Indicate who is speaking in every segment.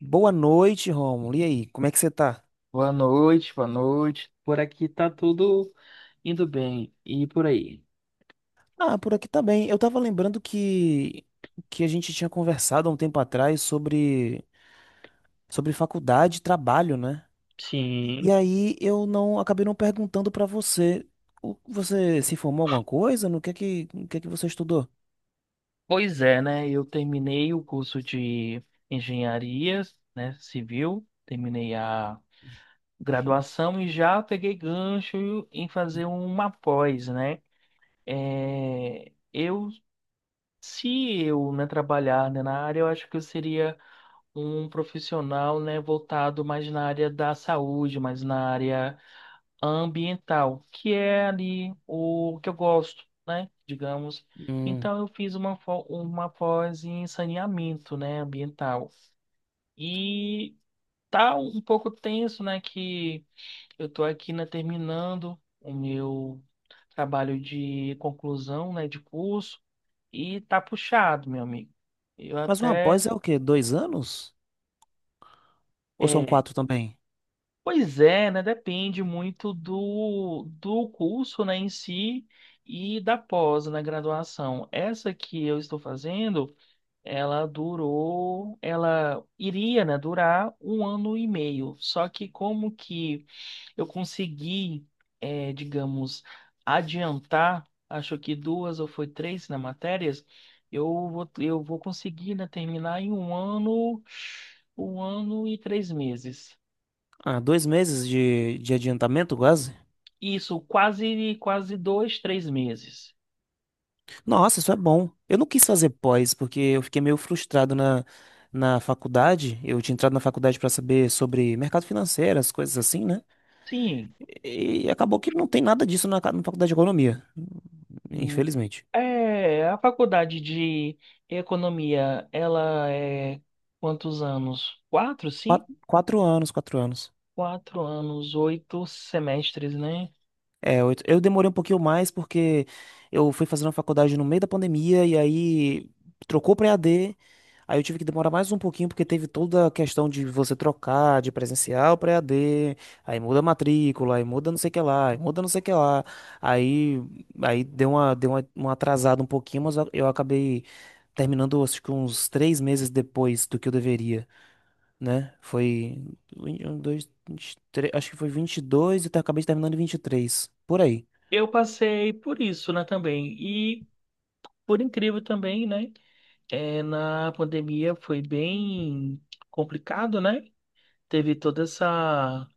Speaker 1: Boa noite, Romulo. E aí, como é que você tá?
Speaker 2: Boa noite, boa noite. Por aqui tá tudo indo bem. E por aí?
Speaker 1: Ah, por aqui tá bem. Eu tava lembrando que a gente tinha conversado há um tempo atrás sobre faculdade e trabalho, né? E
Speaker 2: Sim.
Speaker 1: aí eu não acabei não perguntando pra você. Você se formou em alguma coisa? No que é que, no que é que você estudou?
Speaker 2: Pois é, né? Eu terminei o curso de engenharia, né, civil, terminei a
Speaker 1: Sim.
Speaker 2: graduação e já peguei gancho em fazer uma pós, né? É, se eu, né, trabalhar, né, na área, eu acho que eu seria um profissional, né, voltado mais na área da saúde, mais na área ambiental, que é ali o que eu gosto, né? Digamos.
Speaker 1: Hum.
Speaker 2: Então eu fiz uma pós em saneamento, né, ambiental. E tá um pouco tenso, né, que eu tô aqui, né, terminando o meu trabalho de conclusão, né, de curso e tá puxado, meu amigo. Eu
Speaker 1: Mas uma pós
Speaker 2: até
Speaker 1: é o quê? Dois anos? Ou são
Speaker 2: é,
Speaker 1: quatro também?
Speaker 2: Pois é, né? Depende muito do curso, né, em si e da pós, na graduação. Essa que eu estou fazendo, ela durou, ela iria, né, durar 1 ano e meio. Só que como que eu consegui, digamos, adiantar, acho que duas ou foi três, né, matérias, eu vou conseguir, né, terminar em 1 ano, 1 ano e 3 meses.
Speaker 1: Ah, dois meses de adiantamento, quase?
Speaker 2: Isso, quase, quase dois, três meses.
Speaker 1: Nossa, isso é bom. Eu não quis fazer pós, porque eu fiquei meio frustrado na, na faculdade. Eu tinha entrado na faculdade para saber sobre mercado financeiro, as coisas assim, né?
Speaker 2: Sim.
Speaker 1: E acabou que não tem nada disso na, na faculdade de economia,
Speaker 2: Hum.
Speaker 1: infelizmente.
Speaker 2: É, a faculdade de economia, ela é quantos anos? Quatro, sim?
Speaker 1: Quatro, quatro anos, quatro anos.
Speaker 2: 4 anos, 8 semestres, né?
Speaker 1: É, eu demorei um pouquinho mais porque eu fui fazendo a faculdade no meio da pandemia e aí trocou para E a d. Aí eu tive que demorar mais um pouquinho porque teve toda a questão de você trocar de presencial para E a d. Aí muda a matrícula, aí muda não sei o que lá, aí muda não sei o que lá. Aí aí deu uma atrasada um pouquinho, mas eu acabei terminando acho que uns três meses depois do que eu deveria, né? Foi um, dois, acho que foi vinte e dois e eu acabei terminando em 23 por aí.
Speaker 2: Eu passei por isso, né, também. E, por incrível também, né? É, na pandemia foi bem complicado, né? Teve toda essa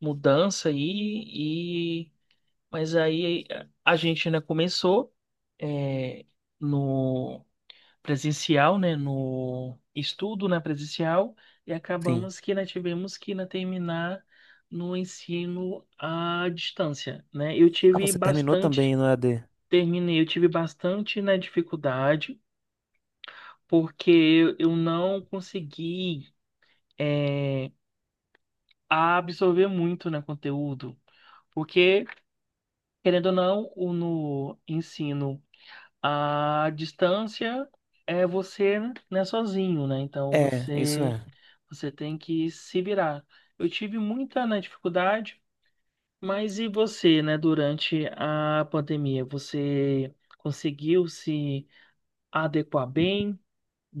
Speaker 2: mudança aí. Mas aí a gente, né, começou, é, no presencial, né? No estudo na presencial e
Speaker 1: Sim.
Speaker 2: acabamos que ainda tivemos que ainda terminar no ensino à distância, né? Eu
Speaker 1: Ah,
Speaker 2: tive
Speaker 1: você terminou também
Speaker 2: bastante,
Speaker 1: no EAD?
Speaker 2: terminei, eu tive bastante, né, dificuldade porque eu não consegui, é, absorver muito, né, conteúdo. Porque, querendo ou não, o no ensino a distância é você, né, sozinho, né? Então
Speaker 1: É, isso
Speaker 2: você
Speaker 1: é.
Speaker 2: você tem que se virar. Eu tive muita, né, dificuldade, mas e você, né, durante a pandemia? Você conseguiu se adequar bem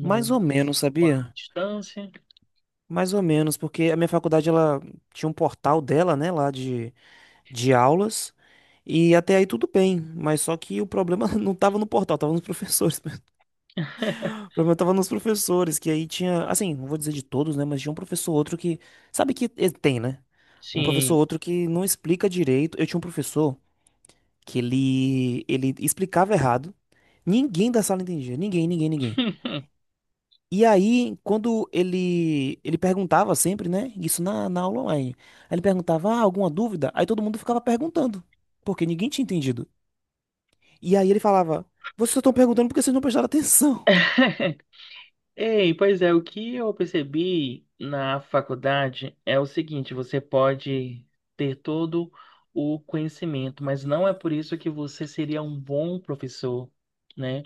Speaker 1: Mais ou menos,
Speaker 2: à
Speaker 1: sabia?
Speaker 2: distância?
Speaker 1: Mais ou menos, porque a minha faculdade, ela tinha um portal dela, né, lá de aulas, e até aí tudo bem, mas só que o problema não tava no portal, tava nos professores. O problema tava nos professores, que aí tinha, assim, não vou dizer de todos, né, mas tinha um professor ou outro que, sabe que ele tem, né? Um professor ou
Speaker 2: Sim.
Speaker 1: outro que não explica direito. Eu tinha um professor que ele explicava errado, ninguém da sala entendia, ninguém, ninguém, ninguém. E aí, quando ele perguntava sempre, né? Isso na, na aula online. Aí ele perguntava, ah, alguma dúvida? Aí todo mundo ficava perguntando, porque ninguém tinha entendido. E aí ele falava, vocês estão perguntando porque vocês não prestaram atenção.
Speaker 2: Ei, pois é, o que eu percebi na faculdade é o seguinte, você pode ter todo o conhecimento, mas não é por isso que você seria um bom professor, né?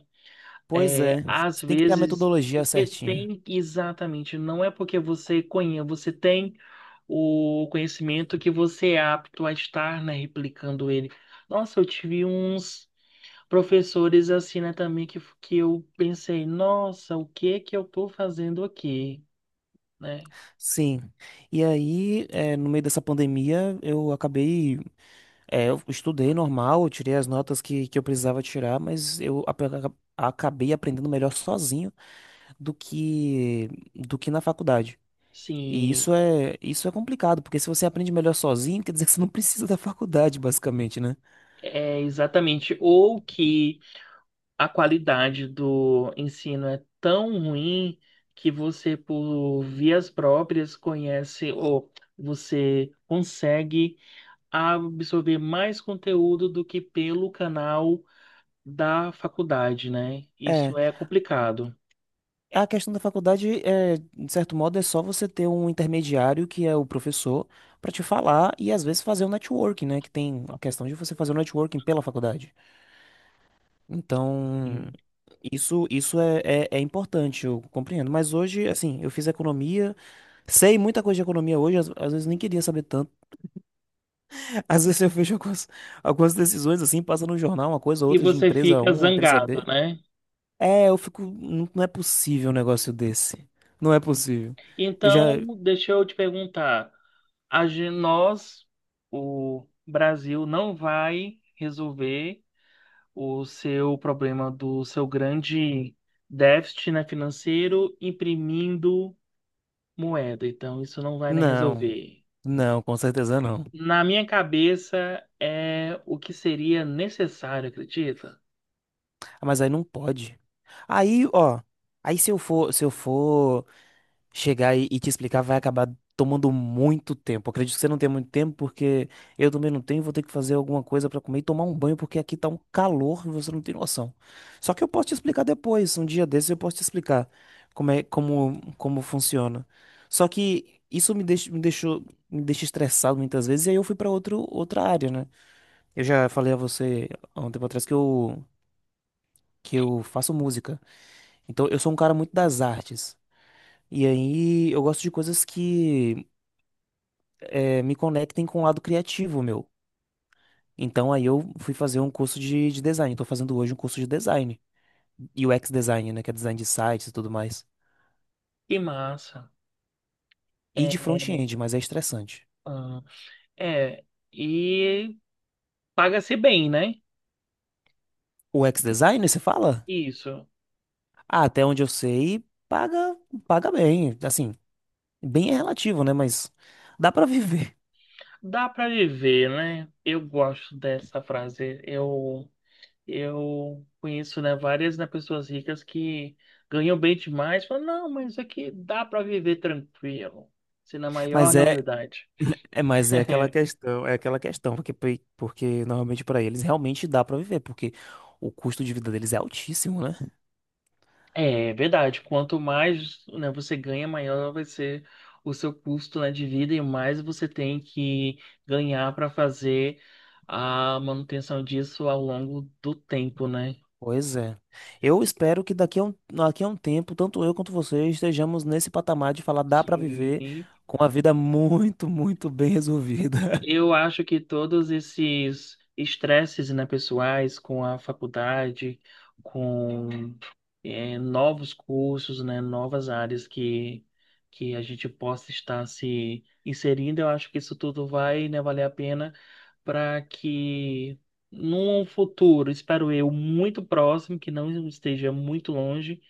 Speaker 1: Pois é,
Speaker 2: É, às
Speaker 1: você tem que ter a
Speaker 2: vezes
Speaker 1: metodologia
Speaker 2: você
Speaker 1: certinha.
Speaker 2: tem exatamente, não é porque você conhece, você tem o conhecimento que você é apto a estar, né, replicando ele. Nossa, eu tive uns professores assim, né, também que eu pensei, nossa, o que que eu tô fazendo aqui, né?
Speaker 1: Sim. E aí, no meio dessa pandemia, eu acabei. Eu estudei normal, eu tirei as notas que eu precisava tirar, mas acabei aprendendo melhor sozinho do que, do que na faculdade. E
Speaker 2: Sim,
Speaker 1: isso é complicado, porque se você aprende melhor sozinho, quer dizer que você não precisa da faculdade, basicamente, né?
Speaker 2: é exatamente. Ou que a qualidade do ensino é tão ruim que você, por vias próprias, conhece ou você consegue absorver mais conteúdo do que pelo canal da faculdade, né?
Speaker 1: É,
Speaker 2: Isso é complicado.
Speaker 1: a questão da faculdade é, de certo modo, é só você ter um intermediário que é o professor pra te falar e às vezes fazer um networking, né? Que tem a questão de você fazer o networking pela faculdade. Então,
Speaker 2: Sim.
Speaker 1: isso é, é, é importante, eu compreendo. Mas hoje, assim, eu fiz economia, sei muita coisa de economia hoje, às, às vezes nem queria saber tanto. Às vezes eu vejo algumas, algumas decisões assim, passa no jornal, uma coisa ou
Speaker 2: E
Speaker 1: outra de
Speaker 2: você
Speaker 1: empresa
Speaker 2: fica
Speaker 1: 1, empresa B.
Speaker 2: zangado, né?
Speaker 1: É, eu fico. Não, não é possível um negócio desse. Não é possível. Eu já.
Speaker 2: Então, deixa eu te perguntar, nós, o Brasil, não vai resolver o seu problema do seu grande déficit, né, financeiro imprimindo moeda. Então, isso não vai, né,
Speaker 1: Não,
Speaker 2: resolver.
Speaker 1: não, com certeza não.
Speaker 2: Na minha cabeça, é o que seria necessário, acredita?
Speaker 1: Ah, mas aí não pode. Aí, ó. Aí se eu for, se eu for chegar e te explicar vai acabar tomando muito tempo. Acredito que você não tenha muito tempo, porque eu também não tenho, vou ter que fazer alguma coisa pra comer e tomar um banho, porque aqui tá um calor e você não tem noção. Só que eu posso te explicar depois, um dia desses eu posso te explicar como é, como, como funciona. Só que isso me deixa, me deixou, me deixa estressado muitas vezes, e aí eu fui pra outro, outra área, né? Eu já falei a você há um tempo atrás que eu faço música. Então eu sou um cara muito das artes. E aí eu gosto de coisas que me conectem com o lado criativo, meu. Então aí eu fui fazer um curso de design. Estou fazendo hoje um curso de design. UX design, né? Que é design de sites e tudo mais.
Speaker 2: Que massa.
Speaker 1: E de
Speaker 2: É,
Speaker 1: front-end, mas é estressante.
Speaker 2: ah, é, e paga-se bem, né?
Speaker 1: O UX design, você fala?
Speaker 2: Isso.
Speaker 1: Ah, até onde eu sei, paga, paga bem. Assim, bem é relativo, né? Mas dá pra viver.
Speaker 2: Dá para viver, né? Eu gosto dessa frase. Eu conheço, né, várias, né, pessoas ricas que ganham bem demais, falam, não, mas isso aqui dá para viver tranquilo. Se na maior,
Speaker 1: Mas
Speaker 2: né,
Speaker 1: é,
Speaker 2: humildade.
Speaker 1: é, mas é aquela questão, porque, porque normalmente pra eles realmente dá pra viver, porque o custo de vida deles é altíssimo, né?
Speaker 2: É verdade, quanto mais, né, você ganha, maior vai ser o seu custo, né, de vida e mais você tem que ganhar para fazer a manutenção disso ao longo do tempo, né?
Speaker 1: Pois é. Eu espero que daqui a um tempo, tanto eu quanto você, estejamos nesse patamar de falar dá pra
Speaker 2: Sim.
Speaker 1: viver com a vida muito, muito bem resolvida.
Speaker 2: Eu acho que todos esses estresses, né, pessoais com a faculdade, com novos cursos, né, novas áreas que a gente possa estar se inserindo, eu acho que isso tudo vai, né, valer a pena para que num futuro, espero eu, muito próximo, que não esteja muito longe,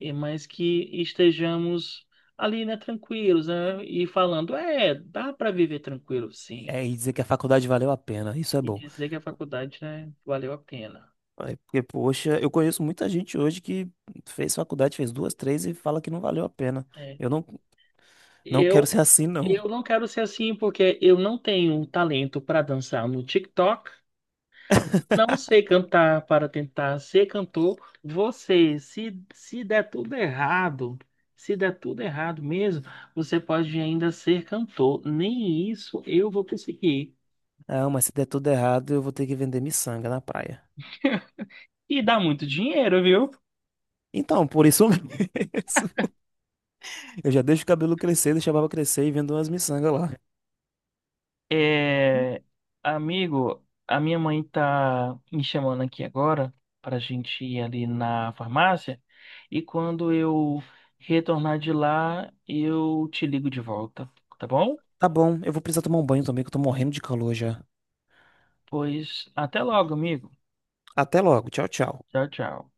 Speaker 2: mas que estejamos ali, né, tranquilos, né, e falando, é, dá para viver tranquilo,
Speaker 1: É,
Speaker 2: sim
Speaker 1: e dizer que a faculdade valeu a pena, isso é
Speaker 2: e
Speaker 1: bom.
Speaker 2: dizer que a faculdade, né, valeu a pena.
Speaker 1: É, porque, poxa, eu conheço muita gente hoje que fez faculdade, fez duas, três e fala que não valeu a pena.
Speaker 2: É.
Speaker 1: Eu não, não quero
Speaker 2: Eu,
Speaker 1: ser assim, não.
Speaker 2: eu não quero ser assim porque eu não tenho talento para dançar no TikTok, não sei cantar para tentar ser cantor. Você, se der tudo errado, se der tudo errado mesmo, você pode ainda ser cantor. Nem isso eu vou conseguir.
Speaker 1: Ah, mas se der tudo errado, eu vou ter que vender miçanga na praia.
Speaker 2: E dá muito dinheiro, viu?
Speaker 1: Então, por isso mesmo, eu já deixo o cabelo crescer, deixo a barba crescer e vendo umas miçangas lá.
Speaker 2: É, amigo, a minha mãe tá me chamando aqui agora pra gente ir ali na farmácia e quando eu retornar de lá, eu te ligo de volta, tá bom?
Speaker 1: Tá bom, eu vou precisar tomar um banho também, que eu tô morrendo de calor já.
Speaker 2: Pois até logo, amigo.
Speaker 1: Até logo, tchau, tchau.
Speaker 2: Tchau, tchau.